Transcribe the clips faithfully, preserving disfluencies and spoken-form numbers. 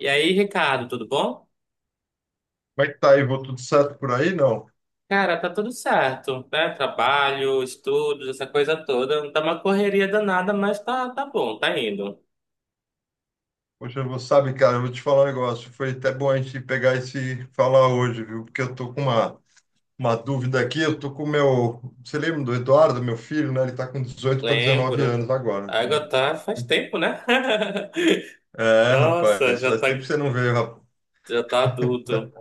E aí, Ricardo, tudo bom? Como é que tá aí? Vou tudo certo por aí? Não. Cara, tá tudo certo, né? Trabalho, estudos, essa coisa toda. Tá uma correria danada, mas tá, tá bom, tá indo. Poxa, eu vou sabe, cara, eu vou te falar um negócio. Foi até bom a gente pegar esse falar hoje, viu? Porque eu tô com uma, uma dúvida aqui. Eu tô com o meu. Você lembra do Eduardo, meu filho, né? Ele tá com dezoito para dezenove Lembro. anos agora, A né? água tá faz tempo, né? É, Nossa, rapaz, já faz tá, tempo que você não veio, rapaz. já tá adulto.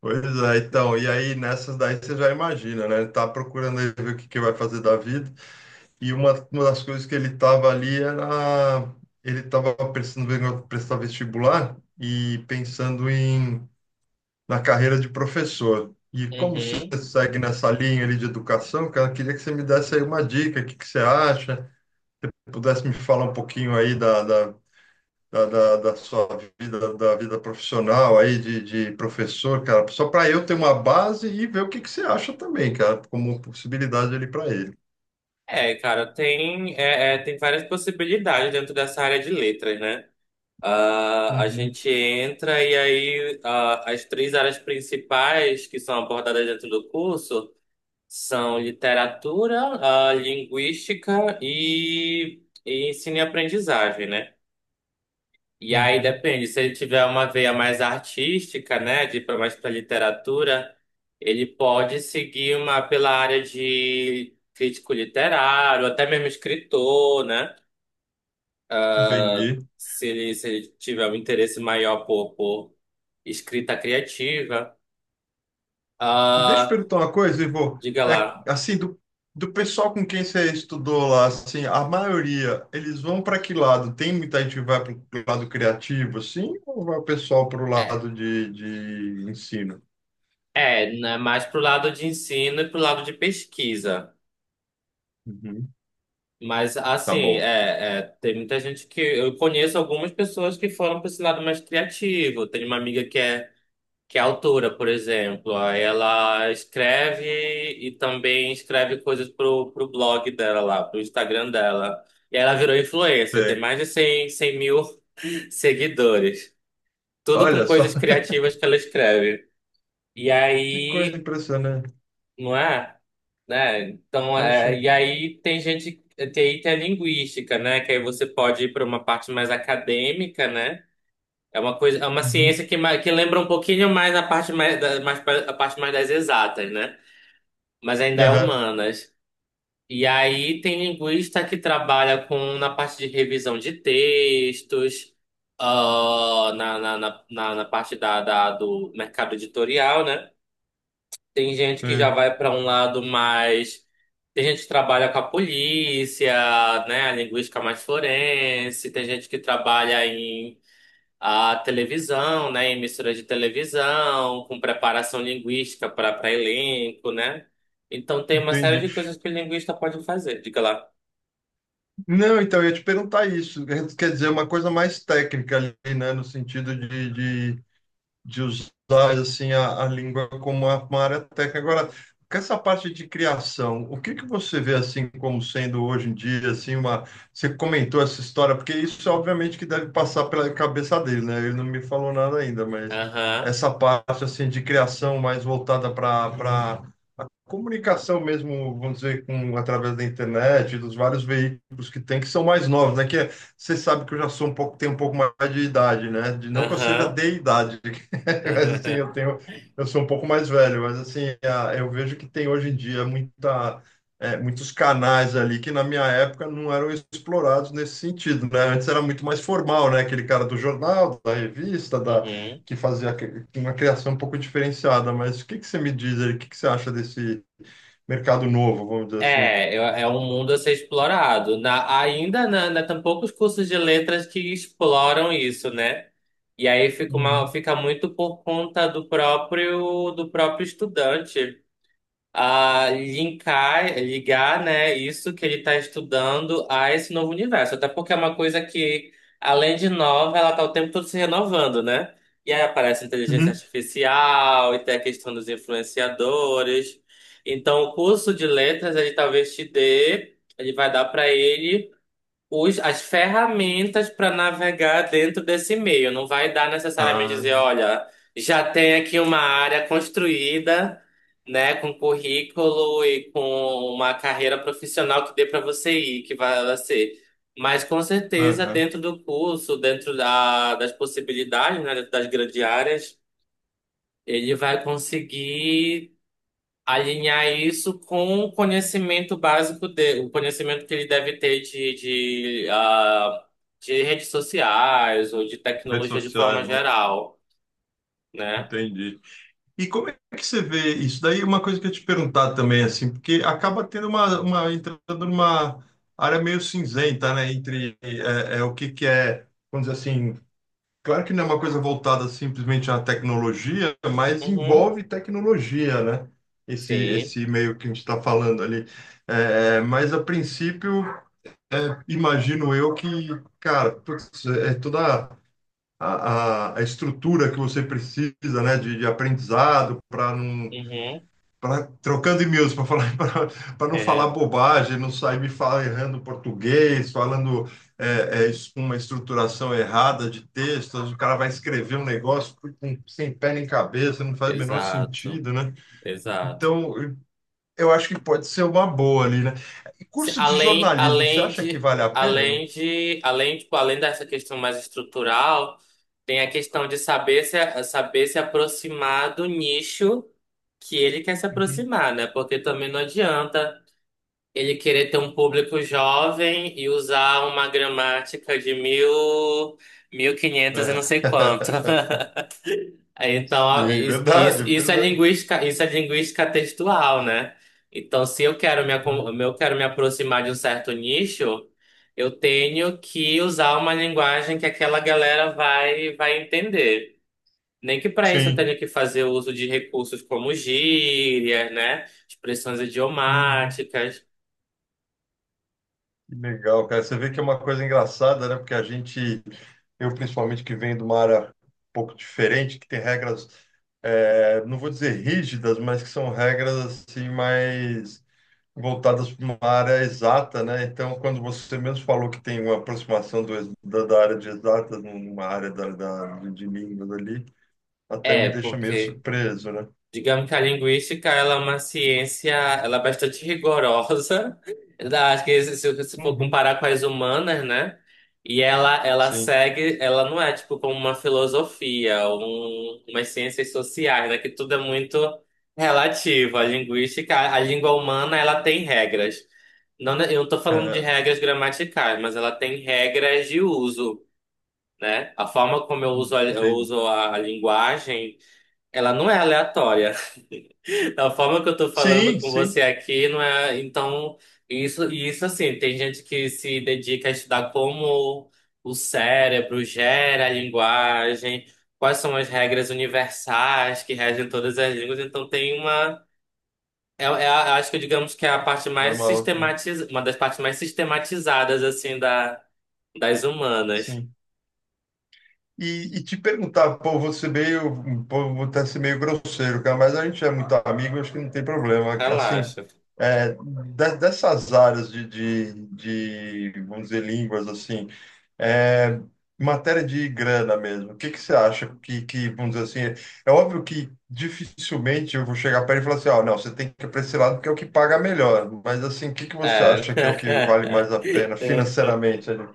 Pois é, então. E aí, nessas daí você já imagina, né? Ele tá procurando aí ver o que que vai fazer da vida. E uma, uma das coisas que ele estava ali era. Ele estava precisando vendo prestar vestibular e pensando em na carreira de professor. E como você Uhum. segue nessa linha ali de educação, cara, eu queria que você me desse aí uma dica, o que que você acha, pudesse me falar um pouquinho aí da, da, da, da, da sua vida, da vida profissional aí de, de professor, cara, só para eu ter uma base e ver o que que você acha também, cara, como possibilidade ali para ele. É, cara, tem, é, é, tem várias possibilidades dentro dessa área de letras, né? Ah, a Uhum, gente entra e aí ah, as três áreas principais que são abordadas dentro do curso. São literatura, ah, linguística e, e ensino e aprendizagem, né? E aí uhum. depende, se ele tiver uma veia mais artística, né, de ir pra- mais para literatura, ele pode seguir uma pela área de crítico literário, até mesmo escritor, né? Entendi. Se ele, se ele tiver um interesse maior por, por escrita criativa. Ah, Deixa eu perguntar uma coisa, Ivo. diga É, lá. assim, do, do pessoal com quem você estudou lá, assim, a maioria, eles vão para que lado? Tem muita gente que vai para o lado criativo, assim, ou vai o pessoal para o É, lado de, de ensino? é, né, mais pro lado de ensino e pro lado de pesquisa. Uhum. Mas, Tá assim, bom. é, é, tem muita gente que. Eu conheço algumas pessoas que foram para esse lado mais criativo. Tem uma amiga que é, que é autora, por exemplo. Aí ela escreve e também escreve coisas pro, pro blog dela lá, pro Instagram dela. E ela virou influencer, tem Sei. mais de cem cem mil seguidores. Tudo com Olha só, coisas criativas que ela escreve. E que coisa aí, impressionante. não é? Né? Então, Poxa. é, e aí tem gente, tem, tem a linguística, né? Que aí você pode ir para uma parte mais acadêmica, né? É uma coisa, é uma Uhum. ciência que, ma- que lembra um pouquinho mais a parte mais, da, mais pra- a parte mais das exatas, né? Mas ainda é Aham. humanas. E aí tem linguista que trabalha com na parte de revisão de textos, ah, na, na, na, na na parte da, da, do mercado editorial, né? Tem gente que já Sei. vai para um lado mais. Tem gente que trabalha com a polícia, né? A linguística mais forense. Tem gente que trabalha em a televisão, né? Em emissoras de televisão, com preparação linguística para para elenco, né? Então tem uma série Entendi. de coisas que o linguista pode fazer. Diga lá. Não, então, eu ia te perguntar isso. Quer dizer, uma coisa mais técnica ali, né? No sentido de, de usar assim a, a língua como uma, uma área técnica. Agora, com essa parte de criação, o que que você vê assim como sendo hoje em dia assim uma você comentou essa história, porque isso obviamente que deve passar pela cabeça dele, né? Ele não me falou nada ainda, mas Aham, essa parte assim de criação mais voltada para para comunicação mesmo, vamos dizer, com, através da internet, dos vários veículos que tem, que são mais novos, né? Que é- você sabe que eu já sou um pouco, tenho um pouco mais de idade, né? De, não que eu seja aham. de idade, mas assim, eu tenho, eu sou um pouco mais velho, mas assim, a- eu vejo que tem hoje em dia muita, é, muitos canais ali que na minha época não eram explorados nesse sentido, né? Antes era muito mais formal, né? Aquele cara do jornal, da revista, da, Uhum. que fazia que- uma criação um pouco diferenciada, mas o que que você me diz aí? O que que você acha desse mercado novo, vamos dizer assim. É, é é um mundo a ser explorado. Na, ainda na, na, tem poucos cursos de letras que exploram isso, né? E aí fica, uma, Uhum. fica muito por conta do próprio, do próprio, estudante a linkar, ligar, né, isso que ele está estudando a esse novo universo. Até porque é uma coisa que, além de nova, ela está o tempo todo se renovando, né? E aí aparece inteligência Uhum. artificial, e tem a questão dos influenciadores. Então, o curso de letras, ele talvez te dê, ele vai dar para ele os, as ferramentas para navegar dentro desse meio. Não vai dar necessariamente Ah, dizer, olha, já tem aqui uma área construída, né, com currículo e com uma carreira profissional que dê para você ir, que vai ser. Mas com certeza aham. dentro do curso, dentro da, das possibilidades, né, dentro das grandes áreas, ele vai conseguir alinhar isso com o conhecimento básico dele, o conhecimento que ele deve ter de, de, ah, de redes sociais ou de Redes tecnologia de sociais, forma né? geral, né? Entendi. E como é que você vê isso? Daí é uma coisa que eu ia te perguntar também, assim, porque acaba tendo uma, uma entrando numa área meio cinzenta, né? Entre é, é, o que que é, vamos dizer assim, claro que não é uma coisa voltada simplesmente à tecnologia, mas Uhum, envolve tecnologia, né? Esse, sim, esse meio que a gente está falando ali. É, mas a princípio é, imagino eu que, cara, putz, é toda a, a, a estrutura que você precisa, né, de, de aprendizado para não uhum, para trocando e-mails para falar para não falar é, bobagem, não sair me falar errando português, falando é, é, es- uma estruturação errada de texto, o cara vai escrever um negócio com- sem pé nem cabeça, não faz o menor exato, sentido, né? exato. Então, eu eu acho que pode ser uma boa ali, né? E Se- curso de Além, jornalismo, você além acha que de, vale a pena, além não? de, além, tipo, além dessa questão mais estrutural, tem a questão de saber se, saber se aproximar do nicho que ele quer se aproximar, né? Porque também não adianta ele querer ter um público jovem e usar uma gramática de mil, mil e quinhentos e não Ah, sei quanto. Então, ó, sim, isso, isso, verdade, isso é verdade. linguística, isso é linguística textual, né? Então, se eu quero me, Ah, acom- eu quero me aproximar de um certo nicho, eu tenho que usar uma linguagem que aquela galera vai, vai entender. Nem que para isso eu sim. tenha que fazer uso de recursos como gírias, né? Expressões Uhum. idiomáticas. Que legal, cara. Você vê que é uma coisa engraçada, né? Porque a gente, eu principalmente que venho de uma área um pouco diferente, que tem regras, eh, não vou dizer rígidas, mas que são regras assim mais voltadas para uma área exata, né? Então, quando você mesmo falou que tem uma aproximação do, ex- da, da área de exatas numa área da, da, de línguas ali, até me É, deixa meio porque surpreso, né? digamos que a linguística, ela é uma ciência, ela é bastante rigorosa, da- acho que se, se se for Uhum. comparar com as humanas, né? E ela, ela Sim. segue, ela não é tipo como uma filosofia, um, umas ciências sociais, né? Que tudo é muito relativo. A linguística, a, a língua humana, ela tem regras. Não, ne- eu não tô falando de Aham, regras gramaticais, mas ela tem regras de uso, né? A forma como eu uso a, eu entendi. uso a a linguagem, ela não é aleatória. A forma que eu tô falando Sim, com sim. você aqui não é. Então, isso, e isso assim, tem gente que se dedica a estudar como o cérebro gera a linguagem, quais são as regras universais que regem todas as línguas. Então, tem uma. É, é a- eu acho que digamos que é a parte É mais uma outra. sistematiz, uma das partes mais sistematizadas, assim, da, das humanas. Sim. E, e te perguntar, pô, você meio, pô, vou até ser meio grosseiro, cara, mas a gente é muito amigo, acho que não tem problema. Assim, Relaxa. é, de- dessas áreas de, de, de, vamos dizer, línguas, assim, é, em matéria de grana mesmo, o que que você acha que, que, vamos dizer assim, é óbvio que dificilmente eu vou chegar perto e falar assim, ó, não, você tem que ir para esse lado porque é o que paga melhor, mas assim, o que que você acha É. que é o que vale mais a pena financeiramente ali?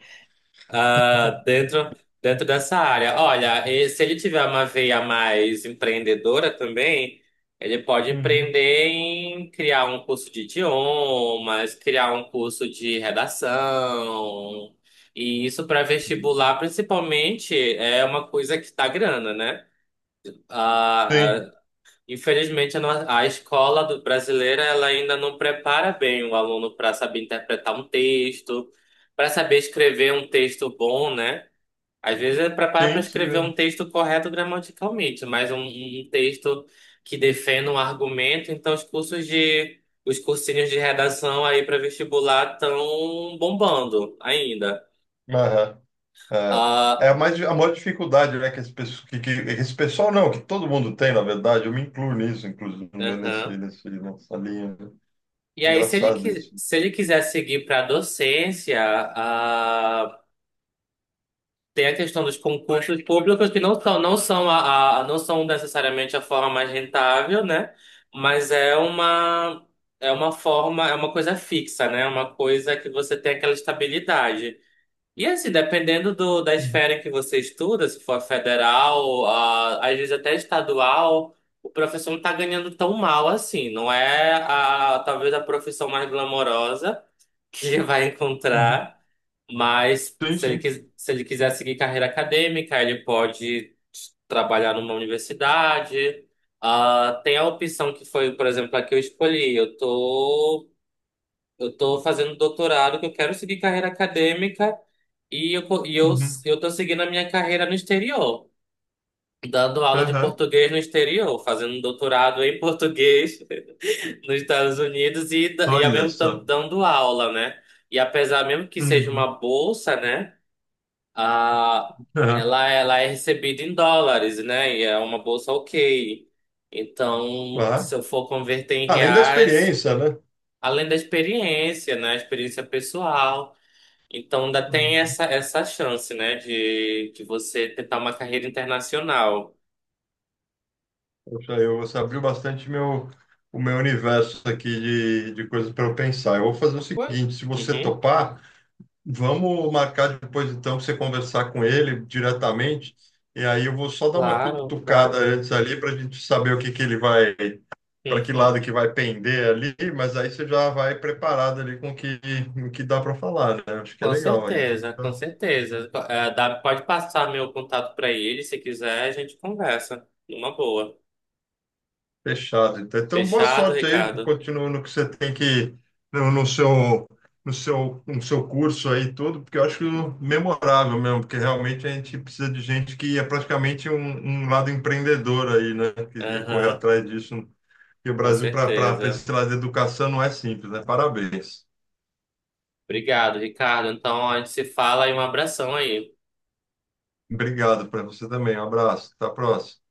Ah, dentro, dentro dessa área. Olha, e se ele tiver uma veia mais empreendedora também, ele pode Uhum. empreender em criar um curso de idiomas, criar um curso de redação. E isso para vestibular, principalmente, é uma coisa que dá grana, né? Ah, Sim, ah, infelizmente, a, no- a escola do brasileira ela ainda não prepara bem o aluno para saber interpretar um texto, para saber escrever um texto bom, né? Às vezes é preparar para sim, sim escrever um mesmo. texto correto gramaticalmente, mas um, um um texto que defenda um argumento. Então, os cursos de, os cursinhos de redação aí para vestibular estão bombando ainda. Aham, é, é Ah, mais, a maior dificuldade, né, que esse, pesso- que, que, esse pessoal não, que todo mundo tem, na verdade, eu me incluo nisso, inclusive, né, nesse, aham. nesse, nessa linha. Né? E aí, se ele, Engraçado qui- isso. se ele quiser seguir para docência, ah, tem a questão dos concursos públicos que não são, não são a, a- não são necessariamente a forma mais rentável, né? Mas é uma é uma forma, é uma coisa fixa, né? É uma coisa que você tem aquela estabilidade. E assim, dependendo do, da esfera em que você estuda, se for federal, a, às vezes até estadual, o professor não está ganhando tão mal assim. Não é a, talvez a profissão mais glamourosa que vai Uhum. encontrar. Mas Sim, se ele, sim. quis- se ele quiser seguir carreira acadêmica, ele pode trabalhar numa universidade. Ah, tem a opção que foi, por exemplo, a que eu escolhi. Eu tô, eu tô fazendo doutorado, que eu quero seguir carreira acadêmica e eu, co- e eu, Uhum. eu tô seguindo a minha carreira no exterior, dando aula de Aham. português no exterior, fazendo um doutorado em português nos Estados Unidos e, da- e ao Olha mesmo tempo só. dando aula, né? E apesar mesmo que seja uma Uhum. bolsa, né? Ah, Aham. ela, ela é recebida em dólares, né? E é uma bolsa ok. Então, se Claro. eu for converter em Além da reais, experiência, né? além da experiência, né? Experiência pessoal. Então, ainda tem Uhum. essa, essa, chance, né? De, de você tentar uma carreira internacional. Poxa, eu, você abriu bastante meu, o meu universo aqui de, de coisas para eu pensar. Eu vou fazer o Ué? seguinte, se você Uhum, topar, vamos marcar depois, então, para você conversar com ele diretamente. E aí eu vou só dar uma claro, cutucada claro. antes ali para a gente saber o que que ele vai, para que lado que vai pender ali. Mas aí você já vai preparado ali com o que, o que dá para falar, né? Acho que é Com legal. Aí a gente certeza, com já certeza. É, dá- pode passar meu contato para ele, se quiser, a gente conversa. Numa boa. fechado. Então, então, boa Fechado, sorte aí. Ricardo? Continua no que você tem que no, no seu no seu no seu curso aí e tudo, porque eu acho memorável mesmo, porque realmente a gente precisa de gente que é praticamente um, um lado empreendedor aí, né? Que ia correr Aham, atrás disso. E o com Brasil para para certeza. esse lado de educação não é simples, né? Parabéns. Obrigado, Ricardo. Então, a gente se fala e um abração aí. Obrigado para você também. Um abraço. Até a próxima.